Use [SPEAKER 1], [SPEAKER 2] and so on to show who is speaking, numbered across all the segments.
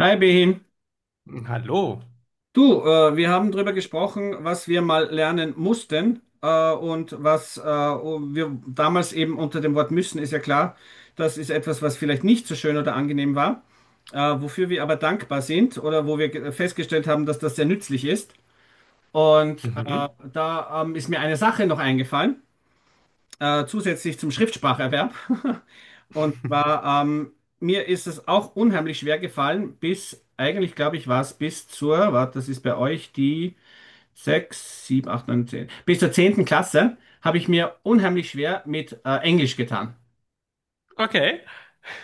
[SPEAKER 1] Hi Behin,
[SPEAKER 2] Mhm. Hallo.
[SPEAKER 1] du, wir haben drüber gesprochen, was wir mal lernen mussten und was wir damals eben unter dem Wort müssen, ist ja klar, das ist etwas, was vielleicht nicht so schön oder angenehm war, wofür wir aber dankbar sind oder wo wir festgestellt haben, dass das sehr nützlich ist. Und
[SPEAKER 2] Mhm.
[SPEAKER 1] da ist mir eine Sache noch eingefallen, zusätzlich zum Schriftspracherwerb. Und war, mir ist es auch unheimlich schwer gefallen, bis, eigentlich glaube ich, war es bis zur, warte, das ist bei euch die 6, 7, 8, 9, 10. Bis zur zehnten Klasse habe ich mir unheimlich schwer mit Englisch getan.
[SPEAKER 2] Okay.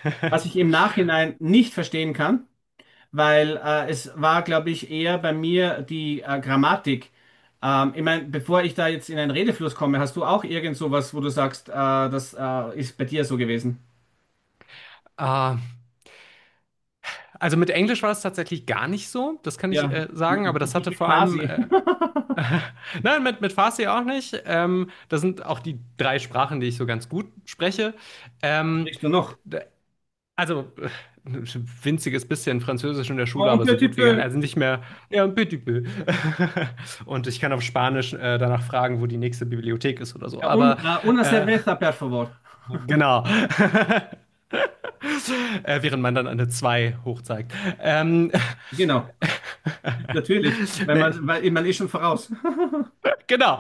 [SPEAKER 1] Was ich im Nachhinein nicht verstehen kann, weil es war, glaube ich, eher bei mir die Grammatik. Ich meine, bevor ich da jetzt in einen Redefluss komme, hast du auch irgend sowas, wo du sagst, das ist bei dir so gewesen?
[SPEAKER 2] Ah, also mit Englisch war es tatsächlich gar nicht so, das kann ich
[SPEAKER 1] Ja,
[SPEAKER 2] sagen, aber das
[SPEAKER 1] ich
[SPEAKER 2] hatte
[SPEAKER 1] bin
[SPEAKER 2] vor allem,
[SPEAKER 1] quasi.
[SPEAKER 2] nein, mit Farsi auch nicht. Das sind auch die drei Sprachen, die ich so ganz gut spreche. Ähm,
[SPEAKER 1] Riechst du noch?
[SPEAKER 2] d- also ein winziges bisschen Französisch in der
[SPEAKER 1] Oh,
[SPEAKER 2] Schule,
[SPEAKER 1] und
[SPEAKER 2] aber so
[SPEAKER 1] petit
[SPEAKER 2] gut wie gar
[SPEAKER 1] peu.
[SPEAKER 2] nicht. Also nicht mehr, ja, un petit peu. Und ich kann auf Spanisch danach fragen, wo die nächste Bibliothek ist oder so.
[SPEAKER 1] Un,
[SPEAKER 2] Aber
[SPEAKER 1] una
[SPEAKER 2] äh,
[SPEAKER 1] cerveza, per favor.
[SPEAKER 2] genau. Während man dann eine Zwei hochzeigt. Ähm,
[SPEAKER 1] Genau, natürlich. Wenn
[SPEAKER 2] nee, ich,
[SPEAKER 1] man, weil man ist schon voraus.
[SPEAKER 2] genau.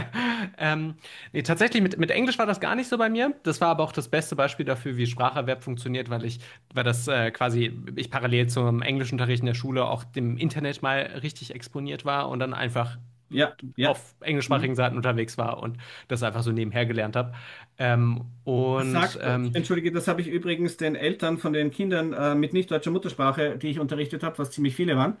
[SPEAKER 2] ähm, nee, tatsächlich, mit Englisch war das gar nicht so bei mir. Das war aber auch das beste Beispiel dafür, wie Spracherwerb funktioniert, weil das ich parallel zum Englischunterricht in der Schule auch dem Internet mal richtig exponiert war und dann einfach
[SPEAKER 1] Ja, ja.
[SPEAKER 2] auf
[SPEAKER 1] Mhm.
[SPEAKER 2] englischsprachigen Seiten unterwegs war und das einfach so nebenher gelernt habe. Ähm,
[SPEAKER 1] Das
[SPEAKER 2] und
[SPEAKER 1] sagt,
[SPEAKER 2] ähm,
[SPEAKER 1] entschuldige, das habe ich übrigens den Eltern von den Kindern mit nicht deutscher Muttersprache, die ich unterrichtet habe, was ziemlich viele waren,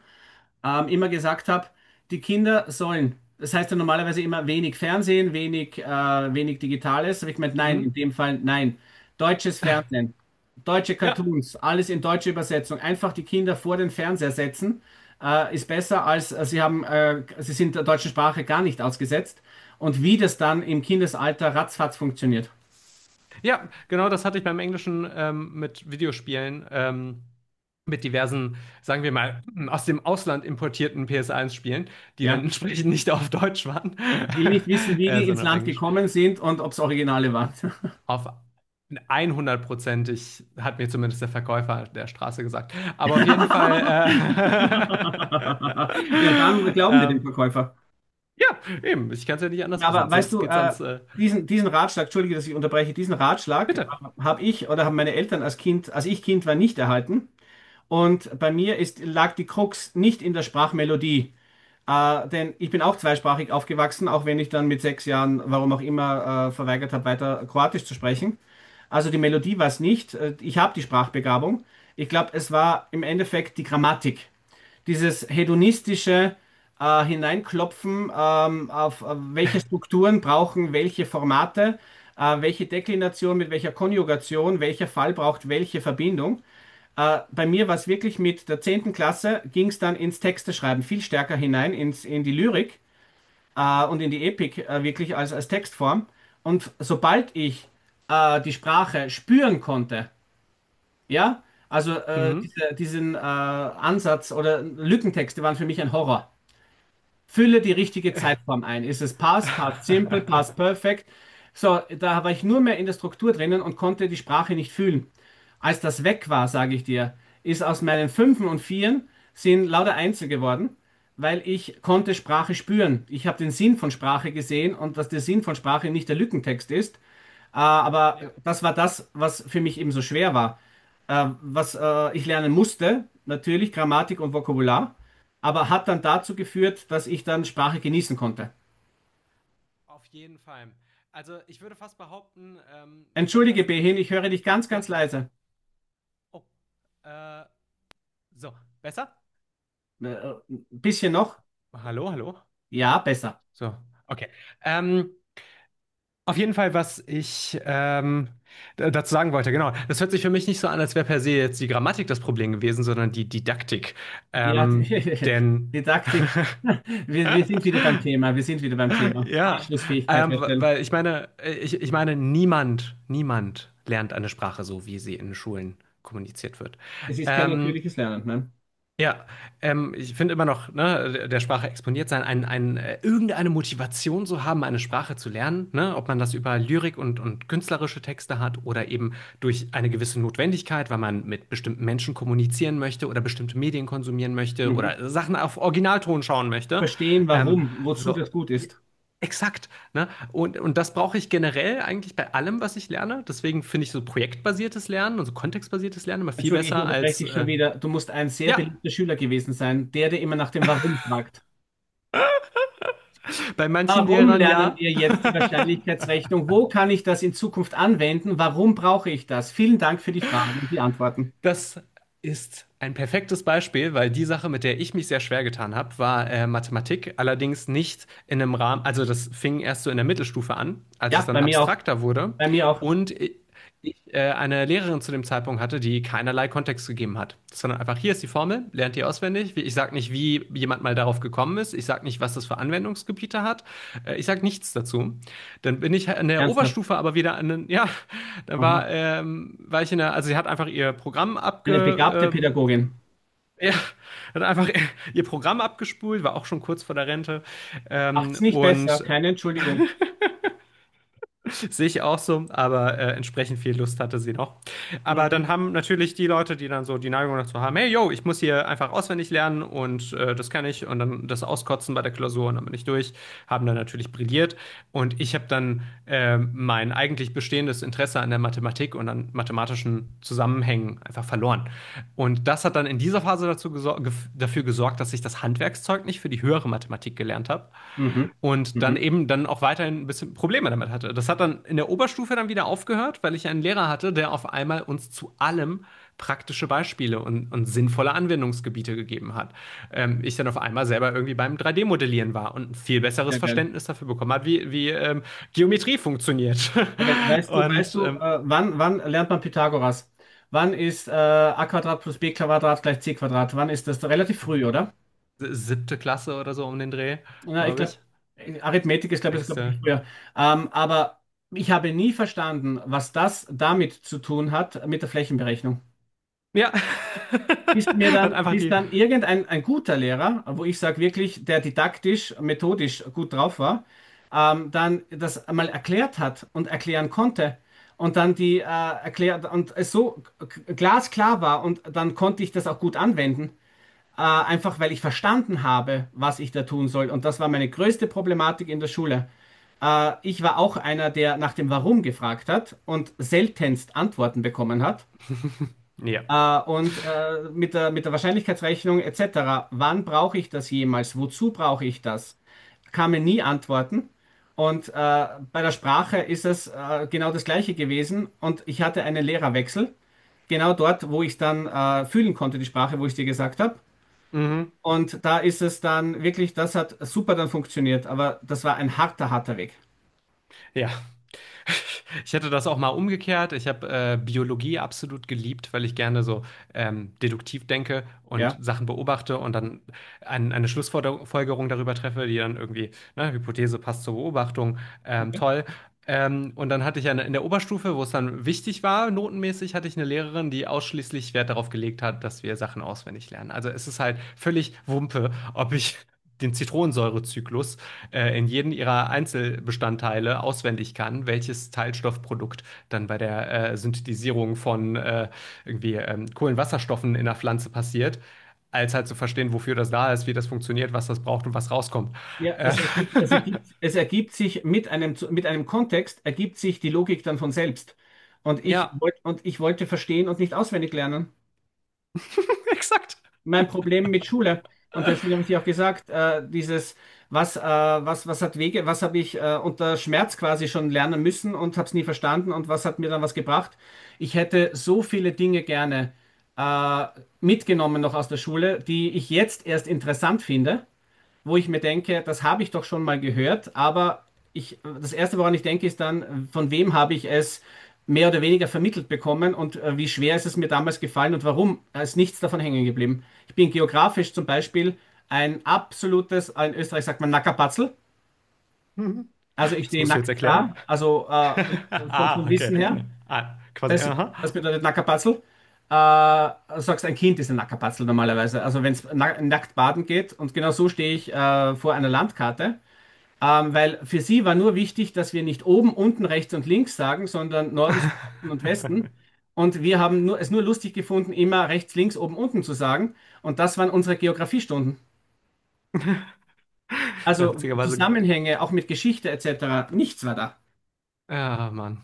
[SPEAKER 1] immer gesagt habe, die Kinder sollen, das heißt ja normalerweise immer wenig Fernsehen, wenig, wenig Digitales, habe ich gemeint, nein, in
[SPEAKER 2] mhm.
[SPEAKER 1] dem Fall nein. Deutsches Fernsehen, deutsche
[SPEAKER 2] Ja,
[SPEAKER 1] Cartoons, alles in deutsche Übersetzung, einfach die Kinder vor den Fernseher setzen, ist besser als sie haben, sie sind der deutschen Sprache gar nicht ausgesetzt. Und wie das dann im Kindesalter ratzfatz funktioniert.
[SPEAKER 2] ja, genau das hatte ich beim Englischen mit Videospielen, mit diversen, sagen wir mal, aus dem Ausland importierten PS1-Spielen, die dann
[SPEAKER 1] Ja.
[SPEAKER 2] entsprechend nicht auf Deutsch waren,
[SPEAKER 1] Ich will nicht wissen, wie die ins
[SPEAKER 2] sondern auf
[SPEAKER 1] Land
[SPEAKER 2] Englisch.
[SPEAKER 1] gekommen sind und ob es Originale waren.
[SPEAKER 2] Auf 100%ig hat mir zumindest der Verkäufer an der Straße gesagt. Aber auf jeden Fall,
[SPEAKER 1] Ja, dann glauben wir dem
[SPEAKER 2] ähm,
[SPEAKER 1] Verkäufer.
[SPEAKER 2] ja, eben, ich kann es ja nicht
[SPEAKER 1] Ja,
[SPEAKER 2] anders
[SPEAKER 1] aber
[SPEAKER 2] wissen,
[SPEAKER 1] weißt
[SPEAKER 2] sonst
[SPEAKER 1] du,
[SPEAKER 2] geht's ans,
[SPEAKER 1] diesen Ratschlag, entschuldige, dass ich unterbreche, diesen Ratschlag
[SPEAKER 2] bitte.
[SPEAKER 1] habe ich oder haben meine Eltern als Kind, als ich Kind war, nicht erhalten. Und bei mir ist, lag die Krux nicht in der Sprachmelodie. Denn ich bin auch zweisprachig aufgewachsen, auch wenn ich dann mit sechs Jahren, warum auch immer, verweigert habe, weiter Kroatisch zu sprechen. Also die Melodie war es nicht. Ich habe die Sprachbegabung. Ich glaube, es war im Endeffekt die Grammatik, dieses hedonistische Hineinklopfen, auf welche Strukturen brauchen welche Formate, welche Deklination mit welcher Konjugation, welcher Fall braucht welche Verbindung. Bei mir war es wirklich mit der zehnten Klasse, ging es dann ins Texteschreiben viel stärker hinein, in die Lyrik und in die Epik, wirklich als Textform. Und sobald ich die Sprache spüren konnte, ja, also
[SPEAKER 2] Mhm.
[SPEAKER 1] diesen Ansatz oder Lückentexte waren für mich ein Horror. Fülle die richtige Zeitform ein. Ist es past, past simple, past perfect? So, da war ich nur mehr in der Struktur drinnen und konnte die Sprache nicht fühlen. Als das weg war, sage ich dir, ist aus meinen Fünfen und Vieren sind lauter Einsen geworden, weil ich konnte Sprache spüren. Ich habe den Sinn von Sprache gesehen und dass der Sinn von Sprache nicht der Lückentext ist, aber
[SPEAKER 2] Ja.
[SPEAKER 1] das war das, was für mich eben so schwer war. Was ich lernen musste, natürlich Grammatik und Vokabular, aber hat dann dazu geführt, dass ich dann Sprache genießen konnte.
[SPEAKER 2] Auf jeden Fall. Also ich würde fast behaupten, dann
[SPEAKER 1] Entschuldige,
[SPEAKER 2] ist
[SPEAKER 1] Behin,
[SPEAKER 2] nicht.
[SPEAKER 1] ich höre dich ganz,
[SPEAKER 2] Ja,
[SPEAKER 1] ganz
[SPEAKER 2] bitte.
[SPEAKER 1] leise.
[SPEAKER 2] Oh. Äh, so, besser?
[SPEAKER 1] Ein bisschen noch?
[SPEAKER 2] Hallo, hallo.
[SPEAKER 1] Ja, besser.
[SPEAKER 2] So, okay. Ähm, auf jeden Fall, was ich dazu sagen wollte, genau. Das hört sich für mich nicht so an, als wäre per se jetzt die Grammatik das Problem gewesen, sondern die Didaktik.
[SPEAKER 1] Ja, die,
[SPEAKER 2] Denn
[SPEAKER 1] Didaktik. Wir sind wieder beim Thema. Wir sind wieder beim Thema.
[SPEAKER 2] ja,
[SPEAKER 1] Anschlussfähigkeit herstellen.
[SPEAKER 2] weil ich meine, ich meine, niemand lernt eine Sprache so, wie sie in Schulen kommuniziert wird.
[SPEAKER 1] Es ist kein
[SPEAKER 2] Ähm,
[SPEAKER 1] natürliches Lernen, ne?
[SPEAKER 2] Ja, ich finde immer noch, ne, der Sprache exponiert sein, ein, irgendeine Motivation zu haben, eine Sprache zu lernen, ne, ob man das über Lyrik und künstlerische Texte hat oder eben durch eine gewisse Notwendigkeit, weil man mit bestimmten Menschen kommunizieren möchte oder bestimmte Medien konsumieren möchte
[SPEAKER 1] Mhm.
[SPEAKER 2] oder Sachen auf Originalton schauen möchte.
[SPEAKER 1] Verstehen,
[SPEAKER 2] Ähm,
[SPEAKER 1] warum, wozu
[SPEAKER 2] so,
[SPEAKER 1] das gut
[SPEAKER 2] ja,
[SPEAKER 1] ist.
[SPEAKER 2] exakt, ne? Und das brauche ich generell eigentlich bei allem, was ich lerne. Deswegen finde ich so projektbasiertes Lernen und so kontextbasiertes Lernen immer viel
[SPEAKER 1] Entschuldige, ich
[SPEAKER 2] besser
[SPEAKER 1] unterbreche
[SPEAKER 2] als,
[SPEAKER 1] dich schon wieder. Du musst ein sehr
[SPEAKER 2] ja,
[SPEAKER 1] beliebter Schüler gewesen sein, der dir immer nach dem Warum fragt.
[SPEAKER 2] bei manchen
[SPEAKER 1] Warum
[SPEAKER 2] Lehrern
[SPEAKER 1] lernen
[SPEAKER 2] ja.
[SPEAKER 1] wir jetzt die Wahrscheinlichkeitsrechnung? Wo kann ich das in Zukunft anwenden? Warum brauche ich das? Vielen Dank für die Fragen und die Antworten.
[SPEAKER 2] Das ist ein perfektes Beispiel, weil die Sache, mit der ich mich sehr schwer getan habe, war Mathematik. Allerdings nicht in einem Rahmen, also das fing erst so in der Mittelstufe an, als es
[SPEAKER 1] Ja,
[SPEAKER 2] dann
[SPEAKER 1] bei mir auch.
[SPEAKER 2] abstrakter wurde.
[SPEAKER 1] Bei mir auch.
[SPEAKER 2] Und ich eine Lehrerin zu dem Zeitpunkt hatte, die keinerlei Kontext gegeben hat, sondern einfach hier ist die Formel, lernt die auswendig. Ich sage nicht, wie jemand mal darauf gekommen ist. Ich sage nicht, was das für Anwendungsgebiete hat. Ich sage nichts dazu. Dann bin ich in der
[SPEAKER 1] Ernsthaft.
[SPEAKER 2] Oberstufe aber wieder an den, ja,
[SPEAKER 1] Aha.
[SPEAKER 2] war ich in der, also sie hat einfach ihr Programm
[SPEAKER 1] Eine begabte
[SPEAKER 2] abge,
[SPEAKER 1] Pädagogin.
[SPEAKER 2] ja, hat einfach ihr Programm abgespult, war auch schon kurz vor der Rente,
[SPEAKER 1] Macht's
[SPEAKER 2] ähm,
[SPEAKER 1] nicht besser.
[SPEAKER 2] und
[SPEAKER 1] Keine Entschuldigung.
[SPEAKER 2] Sehe ich auch so, aber entsprechend viel Lust hatte sie noch. Aber dann
[SPEAKER 1] Mhm.
[SPEAKER 2] haben natürlich die Leute, die dann so die Neigung dazu haben, hey, yo, ich muss hier einfach auswendig lernen und das kann ich und dann das auskotzen bei der Klausur und dann bin ich durch, haben dann natürlich brilliert und ich habe dann mein eigentlich bestehendes Interesse an der Mathematik und an mathematischen Zusammenhängen einfach verloren. Und das hat dann in dieser Phase dafür gesorgt, dass ich das Handwerkszeug nicht für die höhere Mathematik gelernt habe.
[SPEAKER 1] Mhm.
[SPEAKER 2] Und dann
[SPEAKER 1] Mhm.
[SPEAKER 2] eben dann auch weiterhin ein bisschen Probleme damit hatte. Das hat dann in der Oberstufe dann wieder aufgehört, weil ich einen Lehrer hatte, der auf einmal uns zu allem praktische Beispiele und sinnvolle Anwendungsgebiete gegeben hat. Ich dann auf einmal selber irgendwie beim 3D-Modellieren war und ein viel besseres
[SPEAKER 1] Sehr geil.
[SPEAKER 2] Verständnis dafür bekommen hat, wie Geometrie funktioniert.
[SPEAKER 1] Sehr geil. Weißt
[SPEAKER 2] Und
[SPEAKER 1] du, wann, wann lernt man Pythagoras? Wann ist a Quadrat plus b Quadrat gleich c Quadrat? Wann ist das? Relativ früh, oder?
[SPEAKER 2] siebte Klasse oder so um den Dreh,
[SPEAKER 1] Na, ich
[SPEAKER 2] glaube
[SPEAKER 1] glaube,
[SPEAKER 2] ich.
[SPEAKER 1] Arithmetik ist, glaube ich, sogar ein
[SPEAKER 2] Sechste.
[SPEAKER 1] bisschen früher. Aber ich habe nie verstanden, was das damit zu tun hat, mit der Flächenberechnung.
[SPEAKER 2] Ja.
[SPEAKER 1] Bis mir
[SPEAKER 2] Hat
[SPEAKER 1] dann,
[SPEAKER 2] einfach
[SPEAKER 1] bis
[SPEAKER 2] die.
[SPEAKER 1] dann irgendein ein guter Lehrer, wo ich sage wirklich, der didaktisch, methodisch gut drauf war, dann das einmal erklärt hat und erklären konnte. Und dann die erklärt und es so glasklar war und dann konnte ich das auch gut anwenden, einfach weil ich verstanden habe, was ich da tun soll. Und das war meine größte Problematik in der Schule. Ich war auch einer, der nach dem Warum gefragt hat und seltenst Antworten bekommen hat.
[SPEAKER 2] Ja.
[SPEAKER 1] Mit der Wahrscheinlichkeitsrechnung etc. Wann brauche ich das jemals? Wozu brauche ich das? Kamen nie Antworten. Und bei der Sprache ist es genau das Gleiche gewesen. Und ich hatte einen Lehrerwechsel, genau dort, wo ich dann fühlen konnte, die Sprache, wo ich dir gesagt habe.
[SPEAKER 2] Mhm.
[SPEAKER 1] Und da ist es dann wirklich, das hat super dann funktioniert, aber das war ein harter, harter Weg.
[SPEAKER 2] Ja. Ich hätte das auch mal umgekehrt. Ich habe Biologie absolut geliebt, weil ich gerne so deduktiv denke und
[SPEAKER 1] Ja.
[SPEAKER 2] Sachen beobachte und dann eine Schlussfolgerung darüber treffe, die dann irgendwie, ne, Hypothese passt zur Beobachtung,
[SPEAKER 1] Ja,
[SPEAKER 2] toll. Und dann hatte ich eine, in der Oberstufe, wo es dann wichtig war, notenmäßig, hatte ich eine Lehrerin, die ausschließlich Wert darauf gelegt hat, dass wir Sachen auswendig lernen. Also es ist halt völlig Wumpe, ob ich den Zitronensäurezyklus in jedem ihrer Einzelbestandteile auswendig kann, welches Teilstoffprodukt dann bei der Synthetisierung von Kohlenwasserstoffen in der Pflanze passiert, als halt zu verstehen, wofür das da ist, wie das funktioniert, was das braucht und was rauskommt.
[SPEAKER 1] ja,
[SPEAKER 2] Äh,
[SPEAKER 1] es ergibt sich mit einem, mit einem Kontext, ergibt sich die Logik dann von selbst.
[SPEAKER 2] ja,
[SPEAKER 1] Und ich wollte verstehen und nicht auswendig lernen.
[SPEAKER 2] exakt.
[SPEAKER 1] Mein Problem mit Schule. Und deswegen habe ich dir auch gesagt, dieses, was, was hat Wege, was habe ich unter Schmerz quasi schon lernen müssen und habe es nie verstanden und was hat mir dann was gebracht? Ich hätte so viele Dinge gerne äh, mitgenommen noch aus der Schule, die ich jetzt erst interessant finde, wo ich mir denke, das habe ich doch schon mal gehört, aber ich, das Erste, woran ich denke, ist dann, von wem habe ich es mehr oder weniger vermittelt bekommen und wie schwer ist es mir damals gefallen und warum ist nichts davon hängen geblieben. Ich bin geografisch zum Beispiel ein absolutes, in Österreich sagt man Nackerpatzel,
[SPEAKER 2] Mhm.
[SPEAKER 1] also ich
[SPEAKER 2] Das
[SPEAKER 1] stehe
[SPEAKER 2] musst du jetzt
[SPEAKER 1] nackt
[SPEAKER 2] erklären.
[SPEAKER 1] da, also vom, vom
[SPEAKER 2] Ah,
[SPEAKER 1] Wissen her,
[SPEAKER 2] okay. Ah, quasi,
[SPEAKER 1] das,
[SPEAKER 2] aha.
[SPEAKER 1] das bedeutet Nackerpatzel. Äh, du sagst, ein Kind ist ein Nackerpatzel normalerweise. Also wenn es na nackt baden geht und genau so stehe ich vor einer Landkarte. Weil für sie war nur wichtig, dass wir nicht oben, unten, rechts und links sagen, sondern Norden, Süden und Westen. Und wir haben nur, es nur lustig gefunden, immer rechts, links, oben, unten zu sagen. Und das waren unsere Geografiestunden.
[SPEAKER 2] Ja,
[SPEAKER 1] Also
[SPEAKER 2] witzigerweise,
[SPEAKER 1] Zusammenhänge, auch mit Geschichte etc. Nichts war da.
[SPEAKER 2] ah, Mann.